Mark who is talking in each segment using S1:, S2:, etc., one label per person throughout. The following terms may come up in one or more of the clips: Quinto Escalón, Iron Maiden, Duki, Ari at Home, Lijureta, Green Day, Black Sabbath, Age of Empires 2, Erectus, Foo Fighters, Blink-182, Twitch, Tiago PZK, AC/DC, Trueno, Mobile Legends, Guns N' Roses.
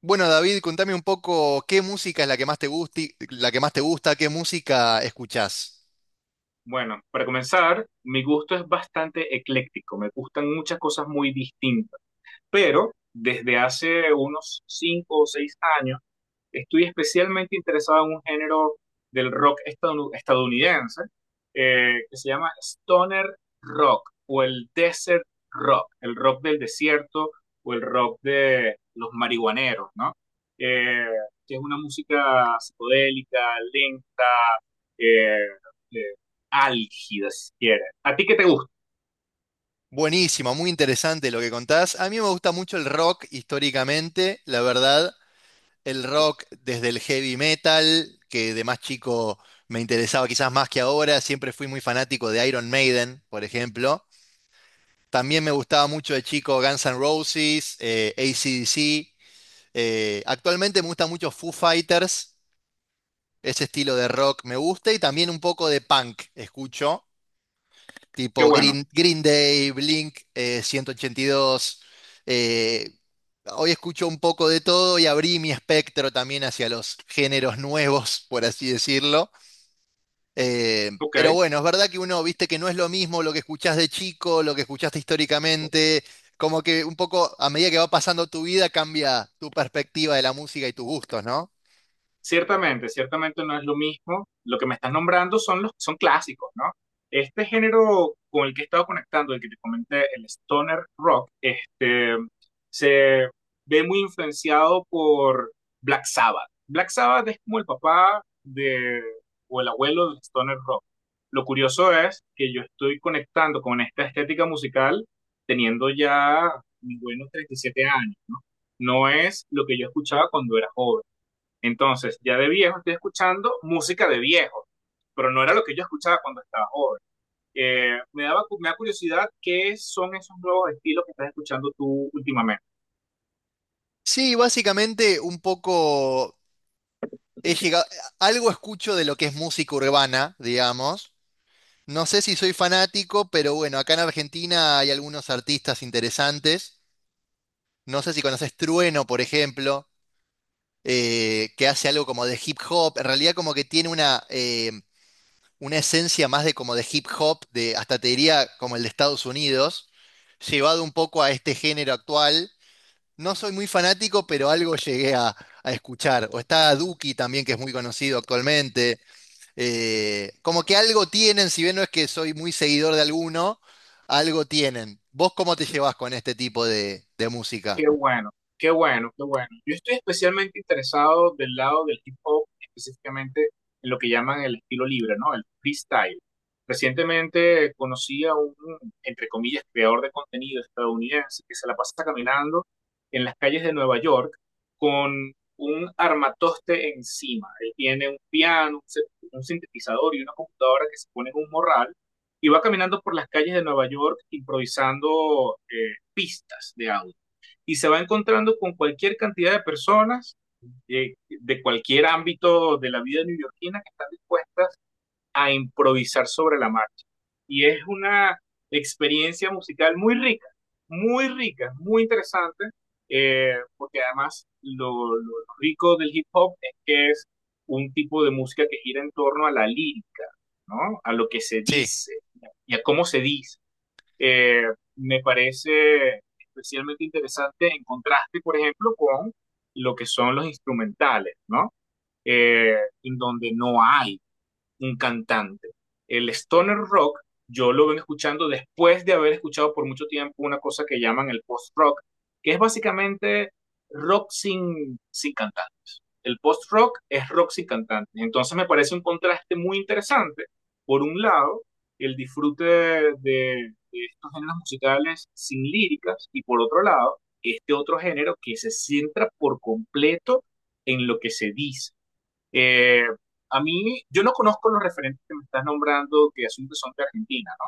S1: Bueno, David, contame un poco qué música es la que más la que más te gusta, qué música escuchás.
S2: Bueno, para comenzar, mi gusto es bastante ecléctico, me gustan muchas cosas muy distintas, pero desde hace unos 5 o 6 años estoy especialmente interesado en un género del rock estadounidense que se llama stoner rock o el desert rock, el rock del desierto o el rock de los marihuaneros, ¿no? Eh, que es una música psicodélica, lenta, eh, eh, álgida, si. ¿A ti qué te gusta?
S1: Buenísimo, muy interesante lo que contás. A mí me gusta mucho el rock históricamente, la verdad, el rock desde el heavy metal, que de más chico me interesaba quizás más que ahora, siempre fui muy fanático de Iron Maiden, por ejemplo. También me gustaba mucho de chico Guns N' Roses, AC/DC. Actualmente me gusta mucho Foo Fighters. Ese estilo de rock me gusta y también un poco de punk escucho,
S2: Qué
S1: tipo
S2: bueno.
S1: Green Day, Blink, 182. eh, hoy escucho un poco de todo y abrí mi espectro también hacia los géneros nuevos, por así decirlo. Eh,
S2: Ok.
S1: pero bueno, es verdad que uno, viste que no es lo mismo lo que escuchás de chico, lo que escuchaste históricamente, como que un poco a medida que va pasando tu vida cambia tu perspectiva de la música y tus gustos, ¿no?
S2: Ciertamente, ciertamente no es lo mismo. Lo que me estás nombrando son clásicos, ¿no? Este género con el que he estado conectando, el que te comenté, el stoner rock, este, se ve muy influenciado por Black Sabbath. Black Sabbath es como el papá de, o el abuelo del stoner rock. Lo curioso es que yo estoy conectando con esta estética musical teniendo ya mis buenos 37 años, ¿no? No es lo que yo escuchaba cuando era joven, entonces, ya de viejo estoy escuchando música de viejo, pero no era lo que yo escuchaba cuando estaba joven. Me da curiosidad qué son esos nuevos estilos que estás escuchando tú últimamente.
S1: Sí, básicamente un poco he llegado, algo escucho de lo que es música urbana, digamos. No sé si soy fanático, pero bueno, acá en Argentina hay algunos artistas interesantes. No sé si conoces Trueno, por ejemplo, que hace algo como de hip hop. En realidad como que tiene una esencia más de como de hip hop, de hasta te diría como el de Estados Unidos, llevado un poco a este género actual. No soy muy fanático, pero algo llegué a escuchar. O está Duki también, que es muy conocido actualmente. Como que algo tienen, si bien no es que soy muy seguidor de alguno, algo tienen. ¿Vos cómo te llevas con este tipo de música?
S2: Qué bueno, qué bueno, qué bueno. Yo estoy especialmente interesado del lado del hip hop, específicamente en lo que llaman el estilo libre, ¿no? El freestyle. Recientemente conocí a un, entre comillas, creador de contenido estadounidense que se la pasa caminando en las calles de Nueva York con un armatoste encima. Él tiene un piano, un sintetizador y una computadora que se pone en un morral y va caminando por las calles de Nueva York improvisando pistas de audio y se va encontrando con cualquier cantidad de personas de cualquier ámbito de la vida neoyorquina que están dispuestas a improvisar sobre la marcha. Y es una experiencia musical muy rica, muy rica, muy interesante, porque además lo rico del hip hop es que es un tipo de música que gira en torno a la lírica, ¿no? A lo que se
S1: Sí.
S2: dice y a cómo se dice. eh, Me parece especialmente interesante en contraste, por ejemplo, con lo que son los instrumentales, ¿no? Eh, en donde no hay un cantante. El stoner rock yo lo vengo escuchando después de haber escuchado por mucho tiempo una cosa que llaman el post-rock, que es básicamente rock sin cantantes. El post-rock es rock sin cantantes. Entonces me parece un contraste muy interesante. Por un lado, el disfrute de estos géneros musicales sin líricas y por otro lado, este otro género que se centra por completo en lo que se dice. eh, a mí, yo no conozco los referentes que me estás nombrando, que asumo que son de Argentina, ¿no?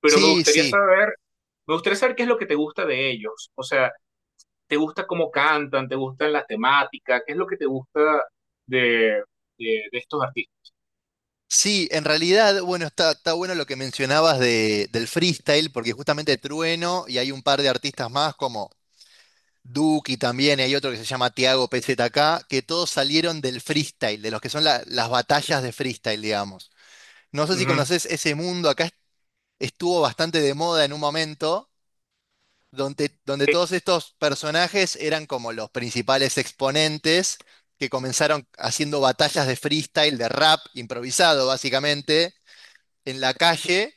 S2: Pero
S1: Sí, sí.
S2: me gustaría saber qué es lo que te gusta de ellos. O sea, ¿te gusta cómo cantan? ¿Te gustan las temáticas? ¿Qué es lo que te gusta de, de, de estos artistas?
S1: Sí, en realidad, bueno, está bueno lo que mencionabas del freestyle, porque justamente Trueno y hay un par de artistas más como Duki también, y hay otro que se llama Tiago PZK, que todos salieron del freestyle, de los que son las batallas de freestyle, digamos. No sé si
S2: Ujú.
S1: conoces ese mundo, acá estuvo bastante de moda en un momento, donde
S2: Eh,
S1: todos estos personajes eran como los principales exponentes que comenzaron haciendo batallas de freestyle, de rap improvisado, básicamente en la calle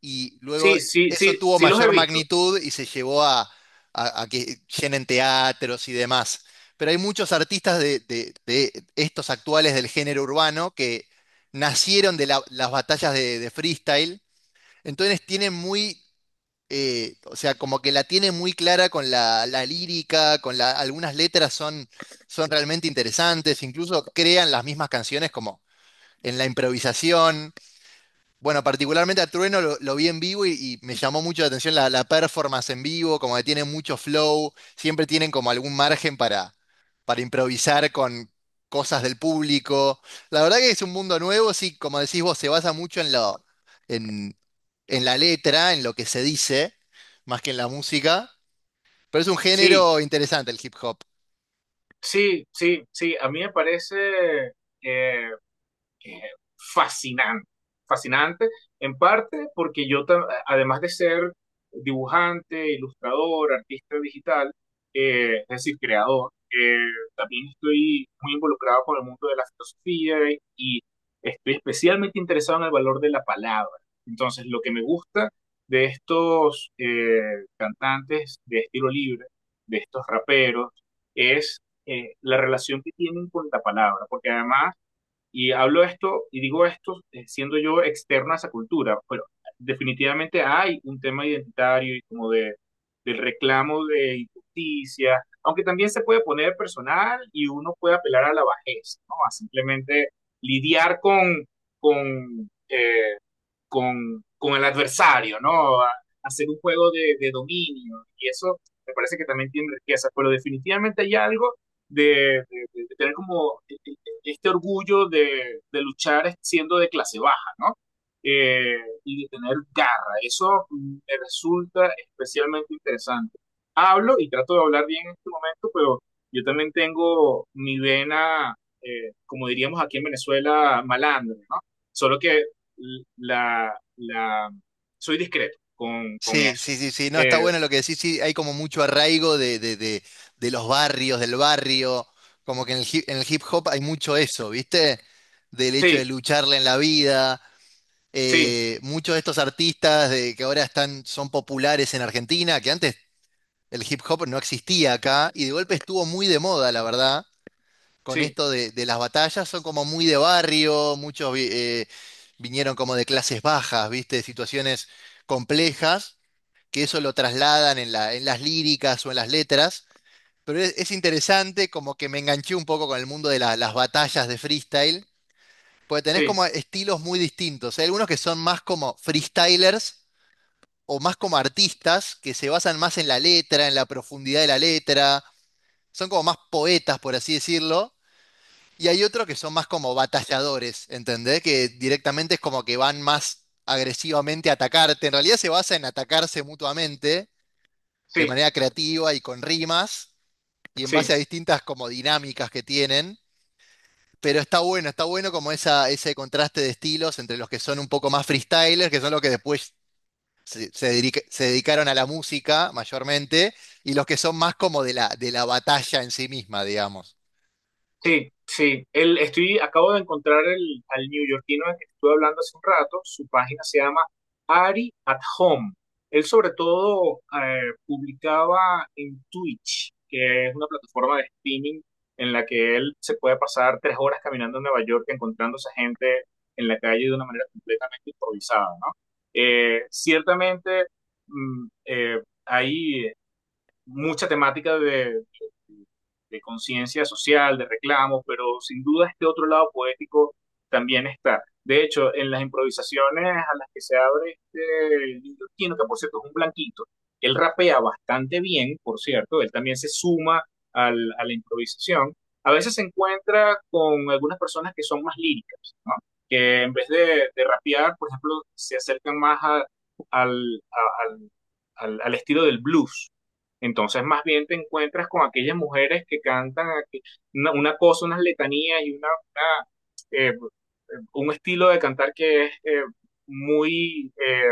S1: y luego
S2: sí, sí,
S1: eso
S2: sí,
S1: tuvo
S2: sí los he
S1: mayor
S2: visto.
S1: magnitud y se llevó a que llenen teatros y demás. Pero hay muchos artistas de estos actuales del género urbano que nacieron de las batallas de freestyle, entonces tienen o sea, como que la tienen muy clara con la lírica, con algunas letras son realmente interesantes, incluso crean las mismas canciones como en la improvisación. Bueno, particularmente a Trueno lo vi en vivo y me llamó mucho la atención la performance en vivo, como que tiene mucho flow, siempre tienen como algún margen para improvisar con cosas del público. La verdad que es un mundo nuevo, sí, como decís vos, se basa mucho en en, la letra, en lo que se dice, más que en la música, pero es un
S2: Sí,
S1: género interesante el hip hop.
S2: sí, sí, sí. A mí me parece, eh, eh, fascinante, fascinante en parte porque yo, además de ser dibujante, ilustrador, artista digital, es decir, creador, también estoy muy involucrado con el mundo de la filosofía y estoy especialmente interesado en el valor de la palabra. Entonces, lo que me gusta de estos cantantes de estilo libre, de estos raperos, es la relación que tienen con la palabra, porque además y hablo esto y digo esto siendo yo externa a esa cultura, pero definitivamente hay un tema identitario y como del reclamo de injusticia, aunque también se puede poner personal y uno puede apelar a la bajeza, ¿no? A simplemente lidiar con eh, con el adversario, ¿no? A hacer un juego dominio. Y eso me parece que también tiene riqueza. Pero definitivamente hay algo de tener como este orgullo de luchar siendo de clase baja, ¿no? Eh, y de tener garra. Eso me resulta especialmente interesante. Hablo y trato de hablar bien en este momento, pero yo también tengo mi vena, como diríamos aquí en Venezuela, malandro, ¿no? Solo que la, la, soy discreto con
S1: Sí,
S2: eso.
S1: sí, sí, sí, no, está
S2: Eh,
S1: bueno lo que decís, sí, hay como mucho arraigo de los barrios, del barrio, como que en en el hip hop hay mucho eso, ¿viste? Del hecho de
S2: sí,
S1: lucharle en la vida,
S2: sí,
S1: muchos de estos artistas que ahora están, son populares en Argentina, que antes el hip hop no existía acá, y de golpe estuvo muy de moda, la verdad, con
S2: sí,
S1: esto de las batallas, son como muy de barrio, muchos vinieron como de clases bajas, ¿viste? De situaciones complejas que eso lo trasladan en en las líricas o en las letras, pero es interesante, como que me enganché un poco con el mundo de las batallas de freestyle, porque tenés
S2: sí,
S1: como estilos muy distintos. Hay algunos que son más como freestylers o más como artistas, que se basan más en la letra, en la profundidad de la letra, son como más poetas, por así decirlo. Y hay otros que son más como batalladores, ¿entendés? Que directamente es como que van más agresivamente a atacarte. En realidad se basa en atacarse mutuamente de
S2: sí,
S1: manera creativa y con rimas y en base
S2: sí.
S1: a distintas como dinámicas que tienen. Pero está bueno como esa, ese contraste de estilos entre los que son un poco más freestylers, que son los que después se dedicaron a la música mayormente, y los que son más como de la batalla en sí misma, digamos.
S2: Sí, sí. Estoy, acabo de encontrar al neoyorquino del que te estuve hablando hace un rato. Su página se llama Ari at Home. Él sobre todo publicaba en Twitch, que es una plataforma de streaming en la que él se puede pasar 3 horas caminando en Nueva York encontrándose gente en la calle de una manera completamente improvisada, ¿no? Ciertamente hay mucha temática de conciencia social, de reclamos, pero sin duda este otro lado poético también está. De hecho, en las improvisaciones a las que se abre este neoyorquino, que por cierto es un blanquito, él rapea bastante bien, por cierto, él también se suma a la improvisación. A veces se encuentra con algunas personas que son más líricas, ¿no? Que en vez de rapear, por ejemplo, se acercan más al, a, al, al estilo del blues, entonces, más bien te encuentras con aquellas mujeres que cantan una cosa, unas letanías y una, eh, un estilo de cantar que es muy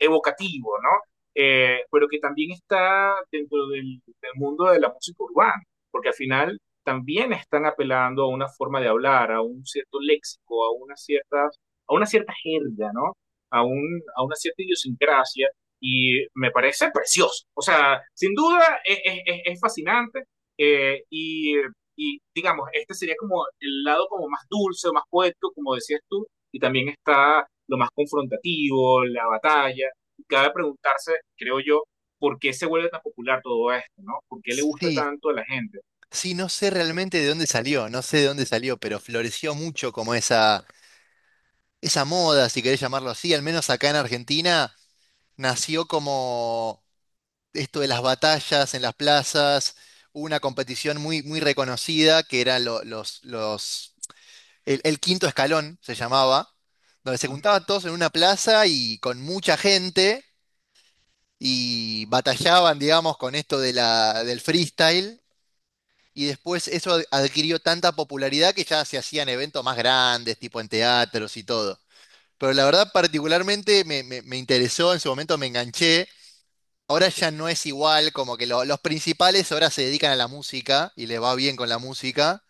S2: evocativo, ¿no? Pero que también está dentro del, del mundo de la música urbana, porque al final también están apelando a una forma de hablar, a un cierto léxico, a una cierta jerga, ¿no? A una cierta idiosincrasia y me parece precioso. O sea, sin duda es fascinante. eh, y, digamos, este sería como el lado como más dulce, más poético, como decías tú, y también está lo más confrontativo, la batalla. Y cabe preguntarse, creo yo, por qué se vuelve tan popular todo esto, ¿no? ¿Por qué le gusta
S1: Sí,
S2: tanto a la gente?
S1: sí, no sé realmente de dónde salió, no sé de dónde salió, pero floreció mucho como esa moda, si querés llamarlo así, al menos acá en Argentina, nació como esto de las batallas en las plazas, hubo una competición muy, muy reconocida que eran el quinto escalón se llamaba, donde se juntaban todos en una plaza y con mucha gente y batallaban, digamos, con esto de del freestyle. Y después eso adquirió tanta popularidad que ya se hacían eventos más grandes, tipo en teatros y todo. Pero la verdad particularmente me interesó, en su momento me enganché. Ahora ya no es igual, como que los principales ahora se dedican a la música y le va bien con la música.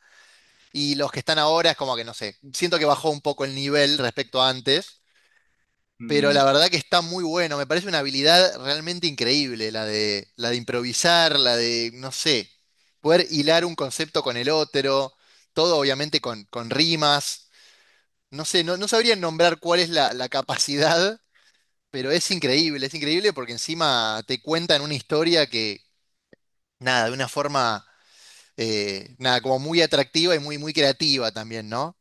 S1: Y los que están ahora es como que no sé, siento que bajó un poco el nivel respecto a antes, pero
S2: Mm.
S1: la verdad que está muy bueno. Me parece una habilidad realmente increíble, la de improvisar, no sé, poder hilar un concepto con el otro, todo obviamente con rimas. No sé, no, no sabría nombrar cuál es la capacidad, pero es increíble porque encima te cuentan una historia que nada, de una forma, nada, como muy atractiva y muy, muy creativa también, ¿no?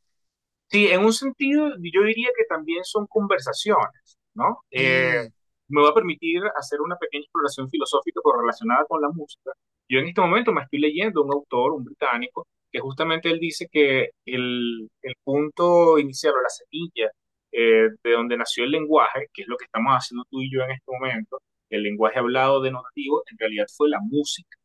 S2: Sí, en un sentido, yo diría que también son conversaciones, ¿no?
S1: Mm,
S2: Me va a permitir hacer una pequeña exploración filosófica pero relacionada con la música. Yo en este momento me estoy leyendo un autor, un británico, que justamente él dice que el punto inicial o la semilla de donde nació el lenguaje, que es lo que estamos haciendo tú y yo en este momento, el lenguaje hablado denotativo, en realidad fue la música,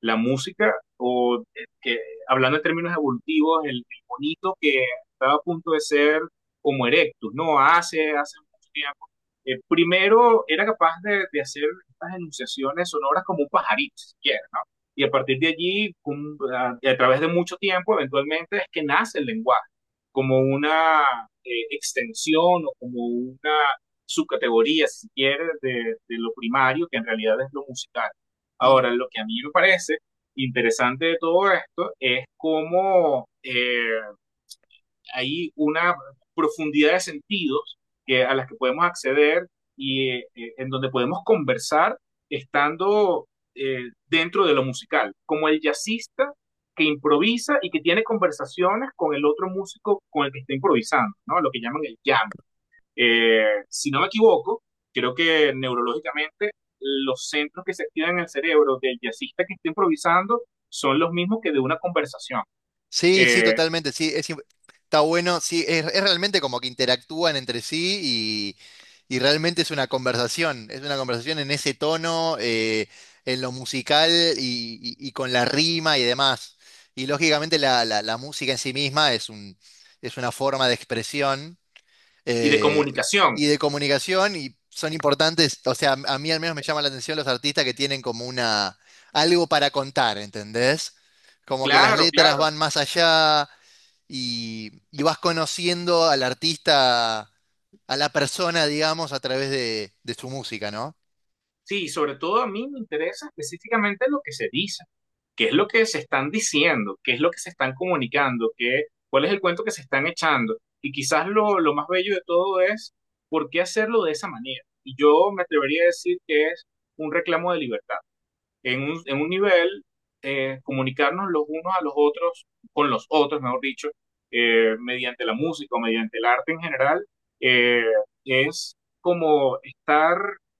S2: la música, hablando en términos evolutivos, bonito que estaba a punto de ser como Erectus, ¿no? Hace, hace mucho tiempo. Primero era capaz hacer estas enunciaciones sonoras como un pajarito, si quieres, ¿no? Y a partir de allí, través de mucho tiempo, eventualmente es que nace el lenguaje, como una extensión o como una subcategoría, si quieres, de lo primario, que en realidad es lo musical.
S1: mm.
S2: Ahora, lo que a mí me parece interesante de todo esto es cómo hay una profundidad de sentidos que, a las que podemos acceder y en donde podemos conversar estando dentro de lo musical, como el jazzista que improvisa y que tiene conversaciones con el otro músico con el que está improvisando, ¿no? Lo que llaman el jam. Si no me equivoco, creo que neurológicamente los centros que se activan en el cerebro del jazzista que está improvisando son los mismos que de una conversación
S1: Sí, sí,
S2: eh,
S1: totalmente, sí, está bueno, sí, es realmente como que interactúan entre sí y realmente es una conversación en ese tono, en lo musical y, y con la rima y demás. Y lógicamente la música en sí misma es una forma de expresión.
S2: y de
S1: eh,
S2: comunicación.
S1: y de comunicación y son importantes, o sea, a mí al menos me llama la atención los artistas que tienen como algo para contar, ¿entendés? Como que las
S2: Claro,
S1: letras
S2: claro.
S1: van más allá y vas conociendo al artista, a la persona, digamos, a través de su música, ¿no?
S2: Sí, sobre todo a mí me interesa específicamente lo que se dice, qué es lo que se están diciendo, qué es lo que se están comunicando, qué, cuál es el cuento que se están echando. Y quizás lo más bello de todo es por qué hacerlo de esa manera. Y yo me atrevería a decir que es un reclamo de libertad en un nivel, comunicarnos los unos a los otros, con los otros, mejor dicho, mediante la música o mediante el arte en general, eh, es como estar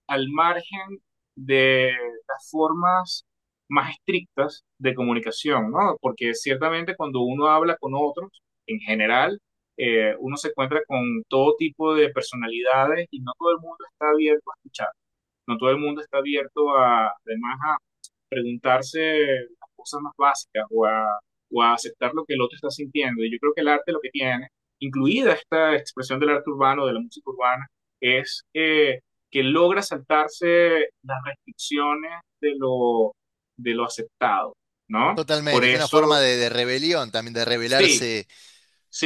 S2: al margen de las formas más estrictas de comunicación, ¿no? Porque ciertamente cuando uno habla con otros, en general, uno se encuentra con todo tipo de personalidades y no todo el mundo está abierto a escuchar, no todo el mundo está abierto a, además a, preguntarse las cosas más básicas o a aceptar lo que el otro está sintiendo. Y yo creo que el arte lo que tiene, incluida esta expresión del arte urbano, de la música urbana, es que logra saltarse las restricciones de lo, de lo aceptado, ¿no?
S1: Totalmente,
S2: Por
S1: es una forma
S2: eso,
S1: de rebelión también, de
S2: sí,
S1: rebelarse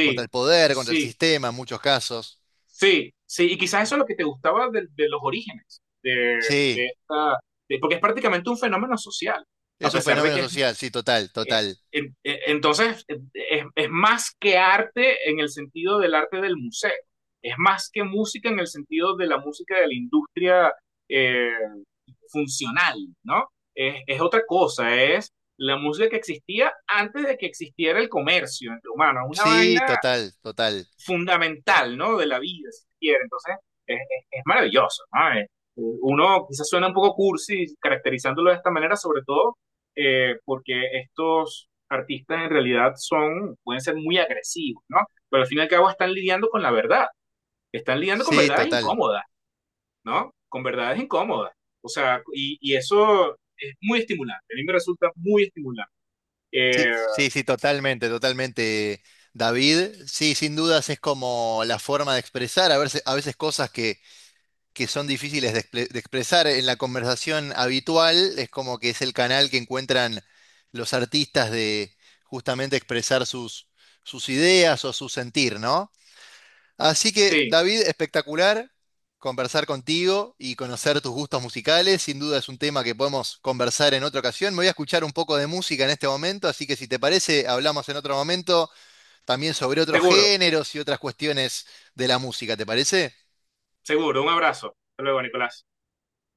S1: contra el poder, contra el
S2: sí,
S1: sistema en muchos casos.
S2: sí, sí. Y quizás eso es lo que te gustaba de los orígenes
S1: Sí,
S2: de esta, de- porque es prácticamente un fenómeno social, a
S1: es un
S2: pesar de
S1: fenómeno
S2: que
S1: social, sí, total,
S2: Eh,
S1: total.
S2: Entonces, es más que arte en el sentido del arte del museo, es más que música en el sentido de la música de la industria eh, funcional, ¿no? Es otra cosa, es la música que existía antes de que existiera el comercio entre humanos, una
S1: Sí,
S2: vaina
S1: total, total.
S2: fundamental, ¿no? De la vida, si quiere. Entonces, es maravilloso, ¿no? Es, uno quizás suena un poco cursi caracterizándolo de esta manera, sobre todo porque estos artistas en realidad son, pueden ser muy agresivos, ¿no? Pero al fin y al cabo están lidiando con la verdad, están lidiando con
S1: Sí,
S2: verdades
S1: total.
S2: incómodas, ¿no? Con verdades incómodas. O sea, y eso es muy estimulante, a mí me resulta muy estimulante.
S1: Sí,
S2: Eh,
S1: sí, sí, totalmente, totalmente. David, sí, sin dudas es como la forma de expresar, a veces cosas que son difíciles de expresar en la conversación habitual, es como que es el canal que encuentran los artistas de justamente expresar sus ideas o su sentir, ¿no? Así que,
S2: sí,
S1: David, espectacular conversar contigo y conocer tus gustos musicales. Sin duda es un tema que podemos conversar en otra ocasión. Me voy a escuchar un poco de música en este momento, así que si te parece, hablamos en otro momento también sobre otros
S2: seguro,
S1: géneros y otras cuestiones de la música, ¿te parece?
S2: seguro, un abrazo. Hasta luego, Nicolás.